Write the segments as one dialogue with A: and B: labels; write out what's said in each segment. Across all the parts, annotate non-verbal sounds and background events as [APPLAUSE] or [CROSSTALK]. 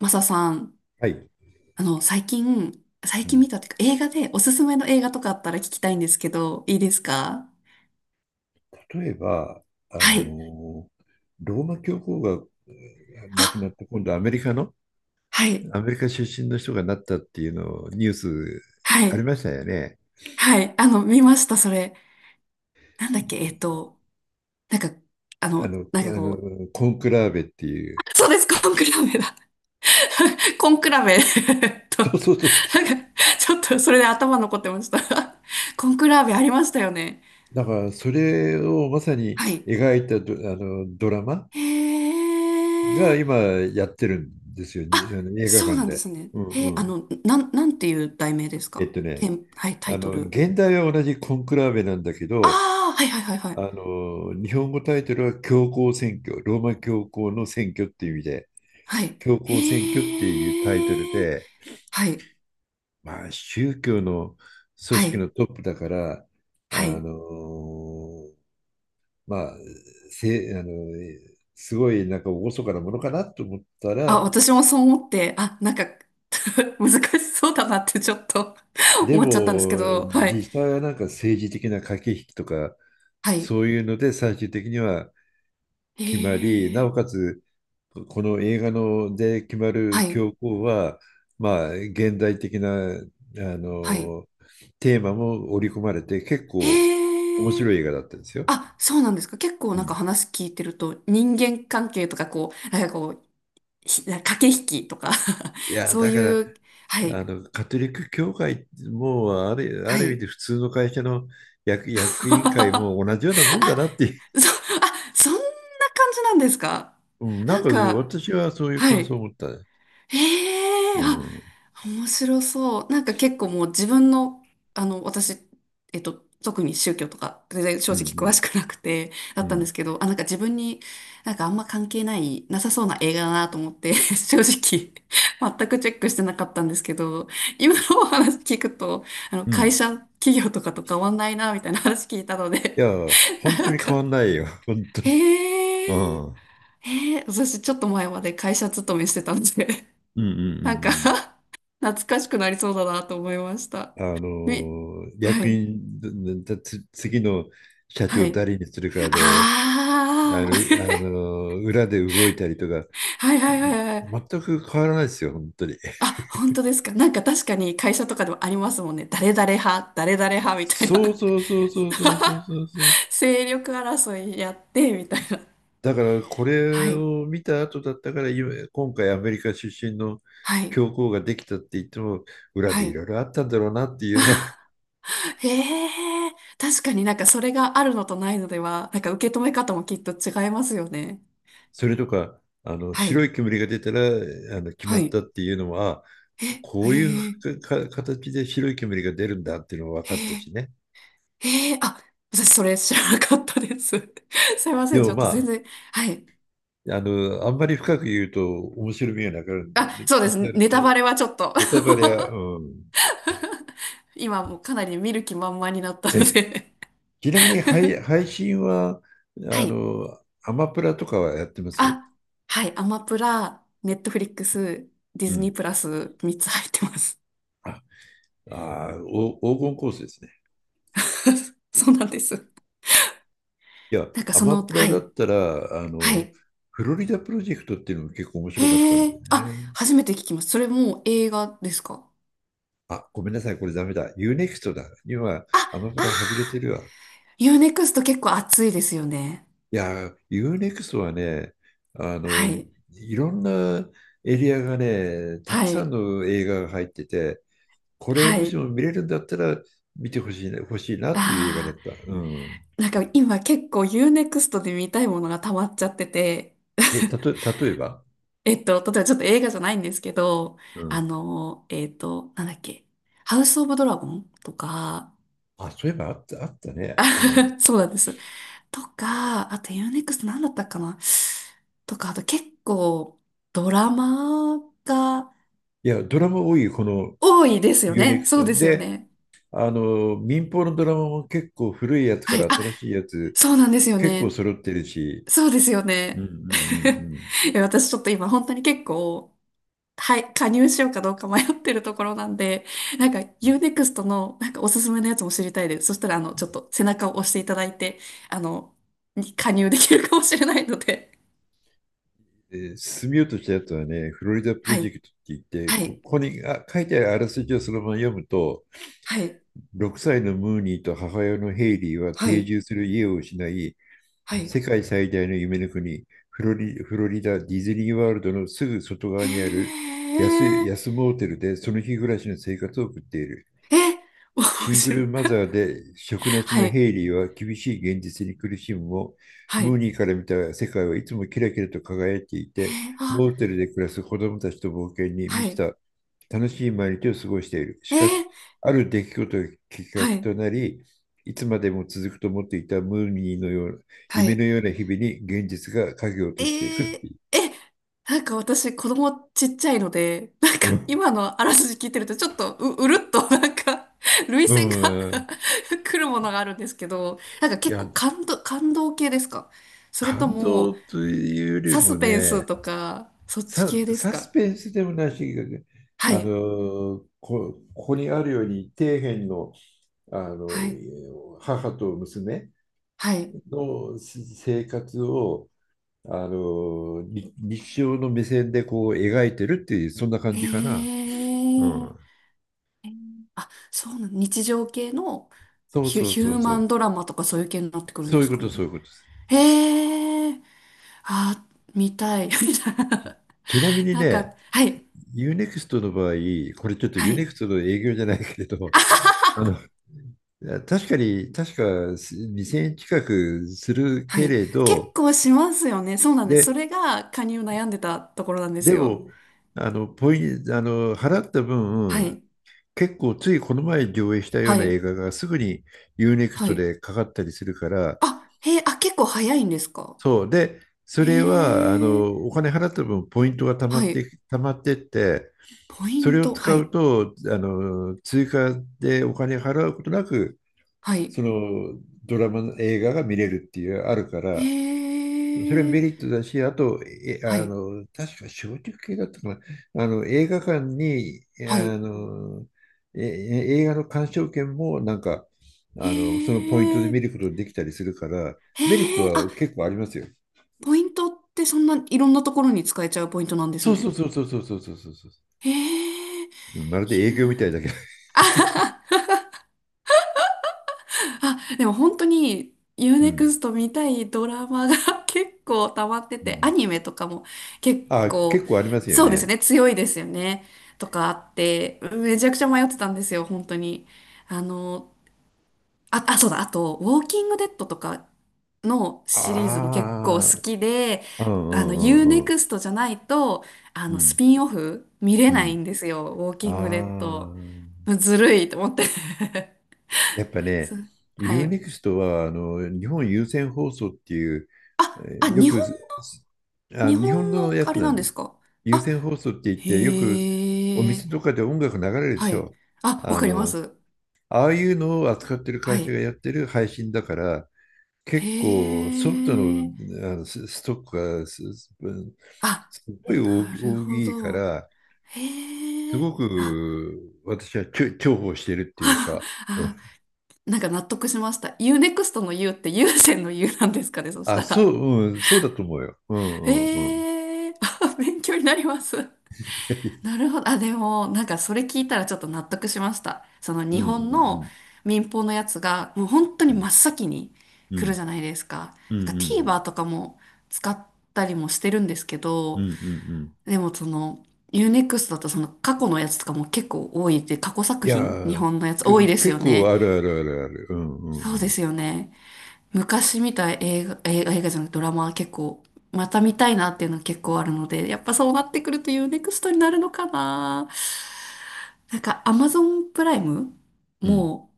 A: マサさん、
B: はい。
A: 最近、最
B: う
A: 近
B: ん
A: 見たっていうか、映画で、おすすめの映画とかあったら聞きたいんですけど、いいですか？
B: 例えば、あ
A: はい。
B: の、ローマ教皇が亡くなっ
A: あ、
B: て、今度アメリカの、
A: はい。
B: アメリカ出身の人がなったっていうのをニュース
A: は
B: あり
A: い。
B: ましたよね。
A: はい。見ました、それ。なんだっけ、えっと、なんか、あの、
B: あ
A: なんかこう、
B: のコンクラーベってい
A: [LAUGHS] あ、
B: う。
A: そうです、コンクラベだ。[LAUGHS] コンクラベ。 [LAUGHS] えっと、な
B: そ
A: ん
B: う
A: か、
B: そうそうそう。
A: ちょっと、それで頭残ってました。[LAUGHS] コンクラベありましたよね。
B: だからそれをまさに
A: はい。
B: 描いたあのドラマ
A: へ
B: が
A: ー。
B: 今やってるんですよ、
A: あ、
B: あの映画
A: そう
B: 館
A: なんで
B: で。
A: すね。
B: うん
A: へえ、
B: うん。
A: なんていう題名です
B: えっ
A: か？
B: と
A: テ
B: ね、
A: ン、はい、タ
B: あ
A: イト
B: の
A: ル。
B: 現代は同じコンクラーベなんだけ
A: あ
B: ど、
A: あ、はいはいはいは
B: あ
A: い。
B: の、日本語タイトルは教皇選挙、ローマ教皇の選挙っていう意味で、
A: はい。
B: 教皇選挙っていうタイトル
A: へえ。
B: で、
A: はい、
B: まあ、宗教の組
A: は
B: 織
A: い、
B: のトップだから、あ
A: はい。
B: の、まあ、せ、あの、すごいなんか厳かなものかなと思った
A: あ、
B: ら、
A: 私もそう思って、あ、なんか、 [LAUGHS] 難しそうだなってちょっと、 [LAUGHS]
B: で
A: 思っちゃったんですけ
B: も、
A: ど、はい、
B: 実際はなんか政治的な駆け引きとか、
A: はい。
B: そういうので最終的には
A: へ
B: 決まり、なお
A: え、
B: かつこの映画ので決ま
A: は
B: る
A: い、
B: 教皇は、まあ、現代的なあ
A: はい。
B: のテーマも織り込まれて結構面
A: へえ。
B: 白い映画だったんですよ。
A: あ、そうなんですか。結構
B: う
A: なんか
B: ん、
A: 話聞いてると、人間関係とかこう、なんかこう、駆け引きとか、
B: い
A: [LAUGHS]
B: や
A: そう
B: だか
A: い
B: ら
A: う、はい、
B: カトリック教会もある、あ
A: は
B: る意味
A: い。
B: で普通の会社の
A: [LAUGHS]
B: 役員会
A: あ、
B: も同じようなもんだなっていう、
A: そ、あ、そんな感じなんですか？
B: [LAUGHS] うん、な
A: な
B: ん
A: ん
B: か
A: か、
B: 私はそういう
A: は
B: 感想を
A: い。
B: 持ったね。
A: ええ、
B: う
A: あ、
B: ん、うん、
A: 面白そう。なんか結構もう自分の、あの、私、えっと、特に宗教とか、全然正
B: う
A: 直詳
B: ん、
A: しくなくて、だ
B: う
A: ったんで
B: ん。
A: すけど、あ、なんか自分に、なんかあんま関係ない、なさそうな映画だなと思って、[LAUGHS] 正直、全くチェックしてなかったんですけど、今のお話聞くと、
B: う
A: 会
B: ん
A: 社、企業とかと変わんないな、みたいな、 [LAUGHS] 話聞いたの
B: い
A: で、
B: や、本当
A: なん
B: に変
A: か、
B: わんないよ、本当に。
A: へ
B: う
A: え、
B: ん、うん、
A: へえ、私ちょっと前まで会社勤めしてたんで、
B: うん、うん。う
A: なんか
B: ん
A: [LAUGHS] 懐かしくなりそうだなと思いました。
B: あ
A: み、
B: の、
A: は
B: 役
A: い、
B: 員、だだつ次の社
A: は
B: 長
A: い。
B: 誰にするかで、あ
A: ああ。
B: の、
A: [LAUGHS]
B: 裏で動いたりとか、
A: はいはいはいはい。
B: 全く変わらないですよ、本当に。
A: あ、本当ですか。なんか確かに会社とかでもありますもんね。誰々派、誰々派みたい
B: そう
A: な。
B: そうそうそうそうそうそうそう。
A: [LAUGHS] 勢力争いやってみたいな。
B: だからこ
A: は
B: れ
A: い、
B: を見た後だったから、今回アメリカ出身の
A: はい、
B: 教皇ができたって言っても、裏
A: は
B: でいろ
A: い。
B: いろあったんだろうなっていうのは、
A: へえ、確かになんかそれがあるのとないのでは、なんか受け止め方もきっと違いますよね。
B: [LAUGHS] それとか、あの
A: は
B: 白
A: い、
B: い煙が出たらあの決ま
A: は
B: った
A: い。
B: っていうのも、
A: え、
B: こ
A: へ
B: ういう
A: え、
B: 形で白い煙が出るんだっていうのも分
A: へ
B: かった
A: え。
B: しね。
A: ええ、あ、私それ知らなかったです。[LAUGHS] すいませ
B: で
A: ん、ち
B: も
A: ょっと全
B: ま
A: 然。はい。
B: あ、あの、あんまり深く言うと面白みがなくなるん
A: あ、
B: で、
A: そうで
B: な
A: す。
B: くなるん
A: ネタバ
B: で、
A: レはちょっと。
B: ネタバレは、うん。
A: [LAUGHS] 今もうかなり見る気満々になったの
B: え、
A: で。
B: ちなみに配
A: [LAUGHS]
B: 信は、
A: は
B: あ
A: い。
B: の、アマプラとかはやってます
A: あ、はい。アマプラ、ネットフリックス、ディ
B: う
A: ズニー
B: ん。
A: プラス3つ入ってます。
B: あ、あー、お、黄金コースですね。
A: [LAUGHS] そうなんです。
B: いや、
A: なんか
B: ア
A: そ
B: マ
A: の、
B: プラ
A: は
B: だ
A: い。
B: ったら、あ
A: は
B: の、
A: い。
B: フロリダプロジェクトっていうのも結構面白かったん
A: へ
B: だよ
A: え、あ、
B: ね。
A: 初めて聞きます。それもう映画ですか？
B: あ、ごめんなさい、これダメだ。ユーネクストだ。今、
A: あ、
B: アマプ
A: あ
B: ラ外れ
A: ー、
B: てるわ。
A: ユーネクスト結構熱いですよね。
B: いや、UNEXT はね、あ
A: は
B: の、
A: い。
B: いろんなエリアがね、たく
A: は
B: さん
A: い。
B: の映画が入ってて、これ
A: は
B: もし
A: い。
B: も見れるんだったら見てほしいな、っていう映画だっ
A: あ
B: た。うん。
A: あ、なんか今結構 u ネクストで見たいものが溜まっちゃってて、
B: え、たと、
A: [LAUGHS]
B: 例えば、
A: えっと、例えばちょっと映画じゃないんですけど、
B: う
A: あ
B: ん。
A: の、えっと、なんだっけ、ハウス・オブ・ドラゴンとか、
B: あ、そういえばあった、あったね。うん。
A: [LAUGHS] そうなんです。とか、あと u ネクストなんだったかな、とか、あと結構ドラマが
B: いや、ドラマ多いよ、この
A: 多いですよね。そうで
B: UNEXT。
A: すよ
B: で、
A: ね。
B: あの、民放のドラマも結構古いやつか
A: はい。
B: ら
A: あ、
B: 新しいやつ、
A: そうなんですよ
B: 結構
A: ね。
B: 揃ってるし、
A: そうですよ
B: うんう
A: ね。
B: んうん
A: [LAUGHS] いや私ちょっと今本当に結構、はい、加入しようかどうか迷ってるところなんで、[LAUGHS] なんか UNEXT のなんかおすすめのやつも知りたいです。そしたら、ちょっと背中を押していただいて、あの、に加入できるかもしれないので。
B: 進みようとしたやつはね、フロリダプ
A: は
B: ロジェ
A: い、
B: クトって言って、
A: は
B: こ
A: い、
B: こに書いてあるあらすじをそのまま読むと、
A: はい、
B: 6歳のムーニーと母親のヘイリーは
A: は
B: 定
A: い、
B: 住する家を失い、
A: はい。
B: 世界最大の夢の国、フロリダディズニーワールドのすぐ外側
A: へ
B: にある
A: え、
B: 安モーテルでその日暮らしの生活を送っている。
A: え、面
B: シング
A: 白
B: ル
A: い。
B: マザーで職な
A: [LAUGHS]
B: し
A: は
B: の
A: い、
B: ヘイリーは厳しい現実に苦しむも、
A: はい、
B: ムー
A: へ
B: ニーから見た世界はいつもキラキラと輝いていて、
A: え、あ、
B: モーテルで暮らす子供たちと冒険に
A: は
B: 満ち
A: い、
B: た楽しい毎日を過ごしている。し
A: え
B: か
A: ー、
B: し、ある出来事がきっか
A: は
B: け
A: い、
B: となり、いつまでも続くと思っていたムーニーのような
A: は
B: 夢の
A: い。
B: ような日々に現実が影を落
A: え
B: としていくって
A: ー、
B: い
A: え、なんか私子供ちっちゃいので、[LAUGHS] なん
B: う。
A: か
B: うん、
A: 今のあらすじ聞いてると、ちょっとうるっと、 [LAUGHS] なんか涙
B: う
A: 腺が、 [LAUGHS]
B: ん、
A: 来るものがあるんですけど、なんか
B: い
A: 結
B: や、
A: 構感動、感動系ですか？それと
B: 感動
A: も
B: というより
A: サ
B: も
A: スペンス
B: ね、
A: とか、そっち系です
B: サス
A: か？
B: ペンスでもないし、
A: はい、
B: ここにあるように底辺の、
A: はい、
B: 母と娘
A: はい。
B: の生活を、あのーに日常の目線でこう描いてるっていうそんな感
A: へ
B: じかな。う
A: え。
B: ん、
A: あ、そうなの、日常系の
B: そうそう
A: ヒ
B: そ
A: ュー
B: うそ
A: マ
B: う。
A: ンドラマとかそういう系になってくるん
B: そう
A: で
B: いう
A: す
B: こ
A: か
B: とそう
A: ね。
B: いうことです。
A: へえ。あ、見たい。[LAUGHS] みたい
B: ち
A: な。
B: ちなみに
A: なん
B: ね、
A: か、はい。
B: ユーネクストの場合、これちょっと
A: は
B: ユーネ
A: い。
B: クストの営業じゃないけれど、
A: [LAUGHS]
B: あのいや確かに、確かす2000円近くする
A: は
B: け
A: い。
B: れ
A: 結
B: ど、
A: 構しますよね。そうなんです。そ
B: で、
A: れが加入悩んでたところなんで
B: で
A: すよ。
B: も、あの、ポイン、あの、払った
A: は
B: 分、
A: い。
B: 結構ついこの前上映したよう
A: は
B: な映
A: い。
B: 画がすぐに
A: は
B: U-NEXT
A: い。
B: でかかったりするから、
A: あ、へえ、あ、結構早いんですか？
B: そう。で、そ
A: へ
B: れは、あ
A: え。
B: の、お金払った分、ポイントが溜ま
A: は
B: っ
A: い。
B: て、溜まってって、
A: ポイ
B: それ
A: ン
B: を
A: ト。
B: 使
A: は
B: う
A: い。
B: と、あの、追加でお金払うことなく、
A: はい。
B: そのドラマの映画が見れるっていう、あるか
A: へ
B: ら、それメリッ
A: え。
B: トだし、あと、え、
A: は
B: あ
A: い。
B: の、確か小食系だったかな。あの、映画館に、
A: は
B: あ
A: い。
B: の、え、映画の鑑賞券もなんか、あの、そ
A: へ
B: のポイントで見る
A: え。
B: ことができたりするから、
A: へ
B: メリット
A: え。あ、
B: は結構ありますよ。
A: ポイントってそんないろんなところに使えちゃうポイントなんです
B: そうそう
A: ね。
B: そうそうそうそうそうそうそう。
A: へえ。
B: うんまるで営業みたいだけど。
A: あ、でも本当に u
B: う
A: ネ
B: ん。
A: クスト見たいドラマが [LAUGHS] 結構溜まって
B: う
A: て、ア
B: ん。
A: ニメとかも結
B: あ、
A: 構、
B: 結構ありますよ
A: そうです
B: ね。
A: ね、強いですよね。とかあって、めちゃくちゃ迷ってたんですよ、本当に。あの、あ、あ、そうだ、あと、ウォーキングデッドとかのシリーズも結構好
B: あ
A: きで、
B: あ、うんうん
A: u
B: う
A: ネ
B: んう
A: ク
B: ん。
A: ストじゃないと、
B: う
A: ス
B: ん。
A: ピンオフ見れ
B: う
A: ない
B: ん。
A: んですよ、ウォーキングデッ
B: あ
A: ド。
B: あ。
A: ずるいと思って。
B: やっぱ
A: [LAUGHS] そ
B: ね、
A: う、は
B: u n
A: い。
B: ク x トは日本有線放送っていう、え
A: あ、あ、
B: ーよ
A: 日
B: く
A: 本、日
B: 日本
A: 本
B: の
A: の
B: や
A: あ
B: つ
A: れ
B: な
A: なん
B: ん
A: で
B: です。
A: すか？
B: 有線放送って言って、よくお
A: へ
B: 店と
A: え。
B: かで音楽流れるで
A: は
B: し
A: い。
B: ょ。
A: あ、わ
B: あ
A: かりま
B: の、
A: す。
B: ああいうのを扱ってる
A: は
B: 会社が
A: い。
B: やってる配信だから、
A: へ
B: 結構ソフトの、
A: え。
B: あのストックが
A: あ、
B: すごい
A: なる
B: 大
A: ほ
B: きいか
A: ど。
B: ら、す
A: へ
B: ご
A: え。あ、
B: く私は重宝してるっ
A: [LAUGHS]
B: ていうか。
A: あ、なんか納得しました。U-NEXT の U って優先の U なんですかね、そし
B: あ、
A: た
B: そう、
A: ら。
B: うん、そうだと思うよ。うんうんうん。
A: へえ。あ、勉強になります。な
B: [LAUGHS]
A: るほど。あ、でも、なんかそれ聞いたらちょっと納得しました。その
B: うん
A: 日
B: う
A: 本
B: んう
A: の
B: ん
A: 民放のやつが、もう本当
B: う
A: に
B: ん
A: 真っ先に
B: う
A: 来る
B: ん
A: じゃないですか。
B: うんう
A: なんか
B: ん
A: TVer とかも使ったりもしてるんですけ
B: う
A: ど、
B: んうんうん
A: でもその、ユーネクス t だとその過去のやつとかも結構多いって、過去
B: い
A: 作
B: や
A: 品日
B: ー、
A: 本のやつ多いです
B: 結
A: よ
B: 構
A: ね。
B: あるあるあるある。うんう
A: そう
B: んう
A: で
B: ん。
A: すよね。昔見た映画、映画、映画じゃなくてドラマは結構、また見たいなっていうのは結構あるので、やっぱそうなってくると u ネクストになるのかな。なんか Amazon プライム
B: うん
A: も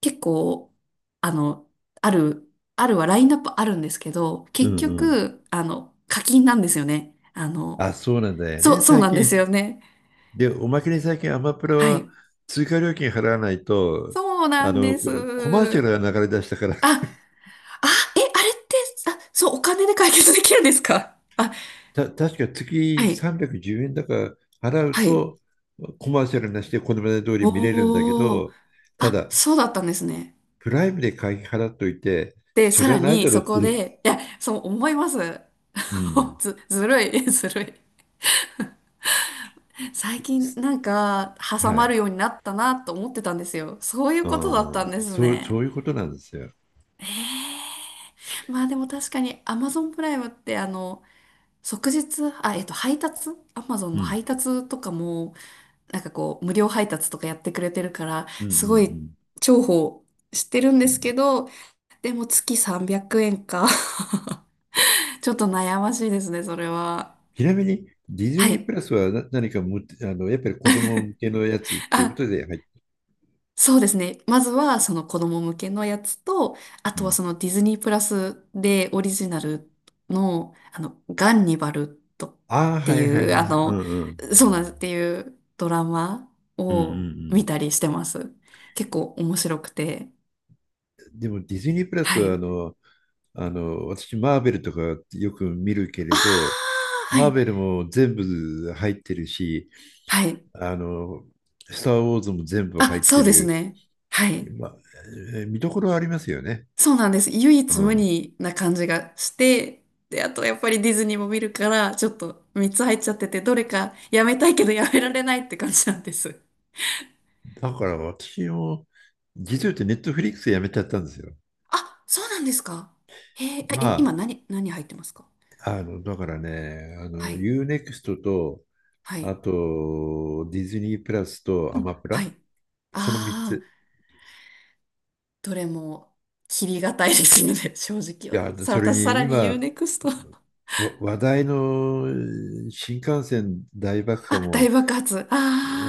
A: 結構、あの、ある、あるはラインナップあるんですけど、
B: うん
A: 結
B: うん。
A: 局、課金なんですよね。
B: あ、そうなんだよ
A: そ
B: ね、
A: う、そう
B: 最
A: なんです
B: 近。
A: よね。
B: で、おまけに最近アマプラ
A: は
B: は
A: い。
B: 追加料金払わないと、
A: そうな
B: あ
A: ん
B: の、
A: で
B: コマーシ
A: す。
B: ャルが流れ出したから、
A: あ、あ、え、あれって、あ、そう、お金で解決できるんですか？あ、
B: 確か
A: は
B: 月
A: い。
B: 310円だから払う
A: はい。
B: と、コマーシャルなしでこのまで通り見れるんだけ
A: おー。
B: ど、た
A: あ、
B: だ、
A: そうだったんですね。
B: プライムで会費払っといて、
A: で、
B: そ
A: さ
B: れ
A: ら
B: はないだ
A: に
B: ろ
A: そ
B: うって
A: こ
B: いう。
A: で、いや、そう思います。
B: うん。
A: [LAUGHS] ずるい、[LAUGHS] ずるい。最近なんか
B: は
A: 挟まる
B: い。
A: ようになったなと思ってたんですよ。そういうことだったん
B: あ
A: で
B: あ、
A: す
B: そう、そ
A: ね。
B: ういうことなんですよ。
A: えー。まあでも確かに Amazon プライムって即日、あ、えっと、配達？ Amazon
B: う
A: の
B: ん。
A: 配達とかも、なんかこう、無料配達とかやってくれてるから、
B: うんうんう
A: すごい
B: ん。
A: 重宝してるんですけど、でも月300円か。 [LAUGHS] ちょっと悩ましいですね、それは。
B: ちなみに、ディズ
A: は
B: ニープ
A: い。
B: ラスは何かも、あの、やっぱり子供向けのやつっていうこ
A: あ、
B: とで入って、
A: そうですね。まずはその子供向けのやつと、あ
B: う
A: とは
B: ん。
A: そのディズニープラスでオリジナルの、ガンニバルとっ
B: ああ、
A: て
B: はいはいはいは
A: いう、
B: い。うんうん。
A: そうなんですっていうドラマ
B: うんう
A: を
B: ん
A: 見たりしてます。結構面白くて。
B: でもディズニープラス
A: は
B: はあ
A: い。
B: の、あの、私、マーベルとかよく見るけ
A: あ
B: れど、
A: あ、は
B: マー
A: い。
B: ベルも全部入ってるし、
A: はい。
B: あの、スター・ウォーズも全部入
A: あ、
B: っ
A: そ
B: て
A: うです
B: る、
A: ね。はい。
B: ま見どころはありますよね。
A: そうなんです。唯
B: う
A: 一無
B: ん。
A: 二な感じがして、で、あとやっぱりディズニーも見るから、ちょっと3つ入っちゃってて、どれかやめたいけどやめられないって感じなんです。
B: だから私も、実を言ってネットフリックスやめちゃったんですよ。
A: あ、そうなんですか？へえ、
B: ま
A: 今
B: あ、
A: 何、何入ってますか？
B: あの、だからね、あ
A: は
B: の、
A: い、
B: u ネクストと、
A: は
B: あ
A: い、
B: と、ディズニープラスと
A: う
B: ア
A: ん、
B: マプ
A: はい。
B: ラ、その3
A: ああ、
B: つ。
A: どれも切りがたいですので、[LAUGHS] 正
B: い
A: 直よ。
B: や、
A: さ、
B: それ
A: 私さ
B: に
A: らに u
B: 今、
A: ネクスト。 [LAUGHS]
B: 話題の新幹線大爆破
A: あ、大
B: も、
A: 爆発。あ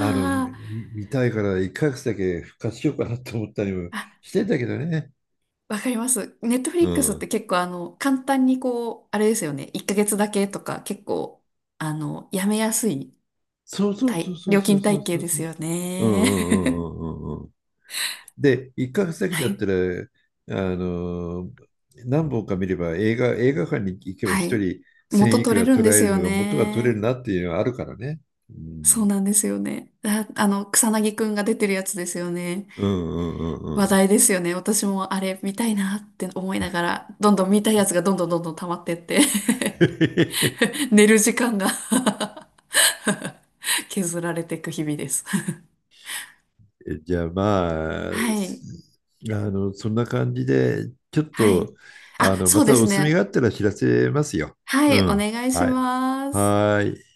B: あの、見たいから一ヶ月だけ復活しようかなと思ったりも
A: あ、
B: してんだけどね。
A: わかります。ネットフ
B: う
A: リックスっ
B: ん。
A: て結構あの、簡単にこう、あれですよね。1ヶ月だけとか結構、やめやすい
B: そうそうそうそう
A: 料
B: そう
A: 金
B: そう
A: 体系
B: そう
A: で
B: そ
A: す
B: う。
A: よ
B: うんう
A: ね。
B: んうんうんうんうん。で、一ヶ月だ
A: [LAUGHS]
B: けだ
A: は
B: っ
A: い。
B: たら、あの、何本か見れば映画館に行けば
A: は
B: 一
A: い。
B: 人1000
A: 元
B: いく
A: 取れ
B: ら
A: るん
B: 取
A: で
B: られ
A: す
B: る
A: よ
B: のが元が取れる
A: ね。
B: なっていうのはあるからね。う
A: そ
B: ん。
A: うなんですよね。あ、あの、草薙くんが出てるやつですよね。
B: うんうんうんう
A: 話
B: ん。
A: 題ですよね。私もあれ見たいなって思いながら、どんどん見たいやつがどんどんどんどん溜まってって、
B: [LAUGHS]
A: [LAUGHS] 寝る時間が [LAUGHS] 削られていく日々です。
B: じゃあまあ、
A: はい。
B: あの、そんな感じで、ちょっ
A: は
B: と、
A: い。
B: あ
A: あ、
B: の、ま
A: そうで
B: たお
A: す
B: 墨があ
A: ね。
B: ったら知らせますよ。
A: は
B: う
A: い、お
B: ん。
A: 願いし
B: はい。
A: ます。
B: はーい。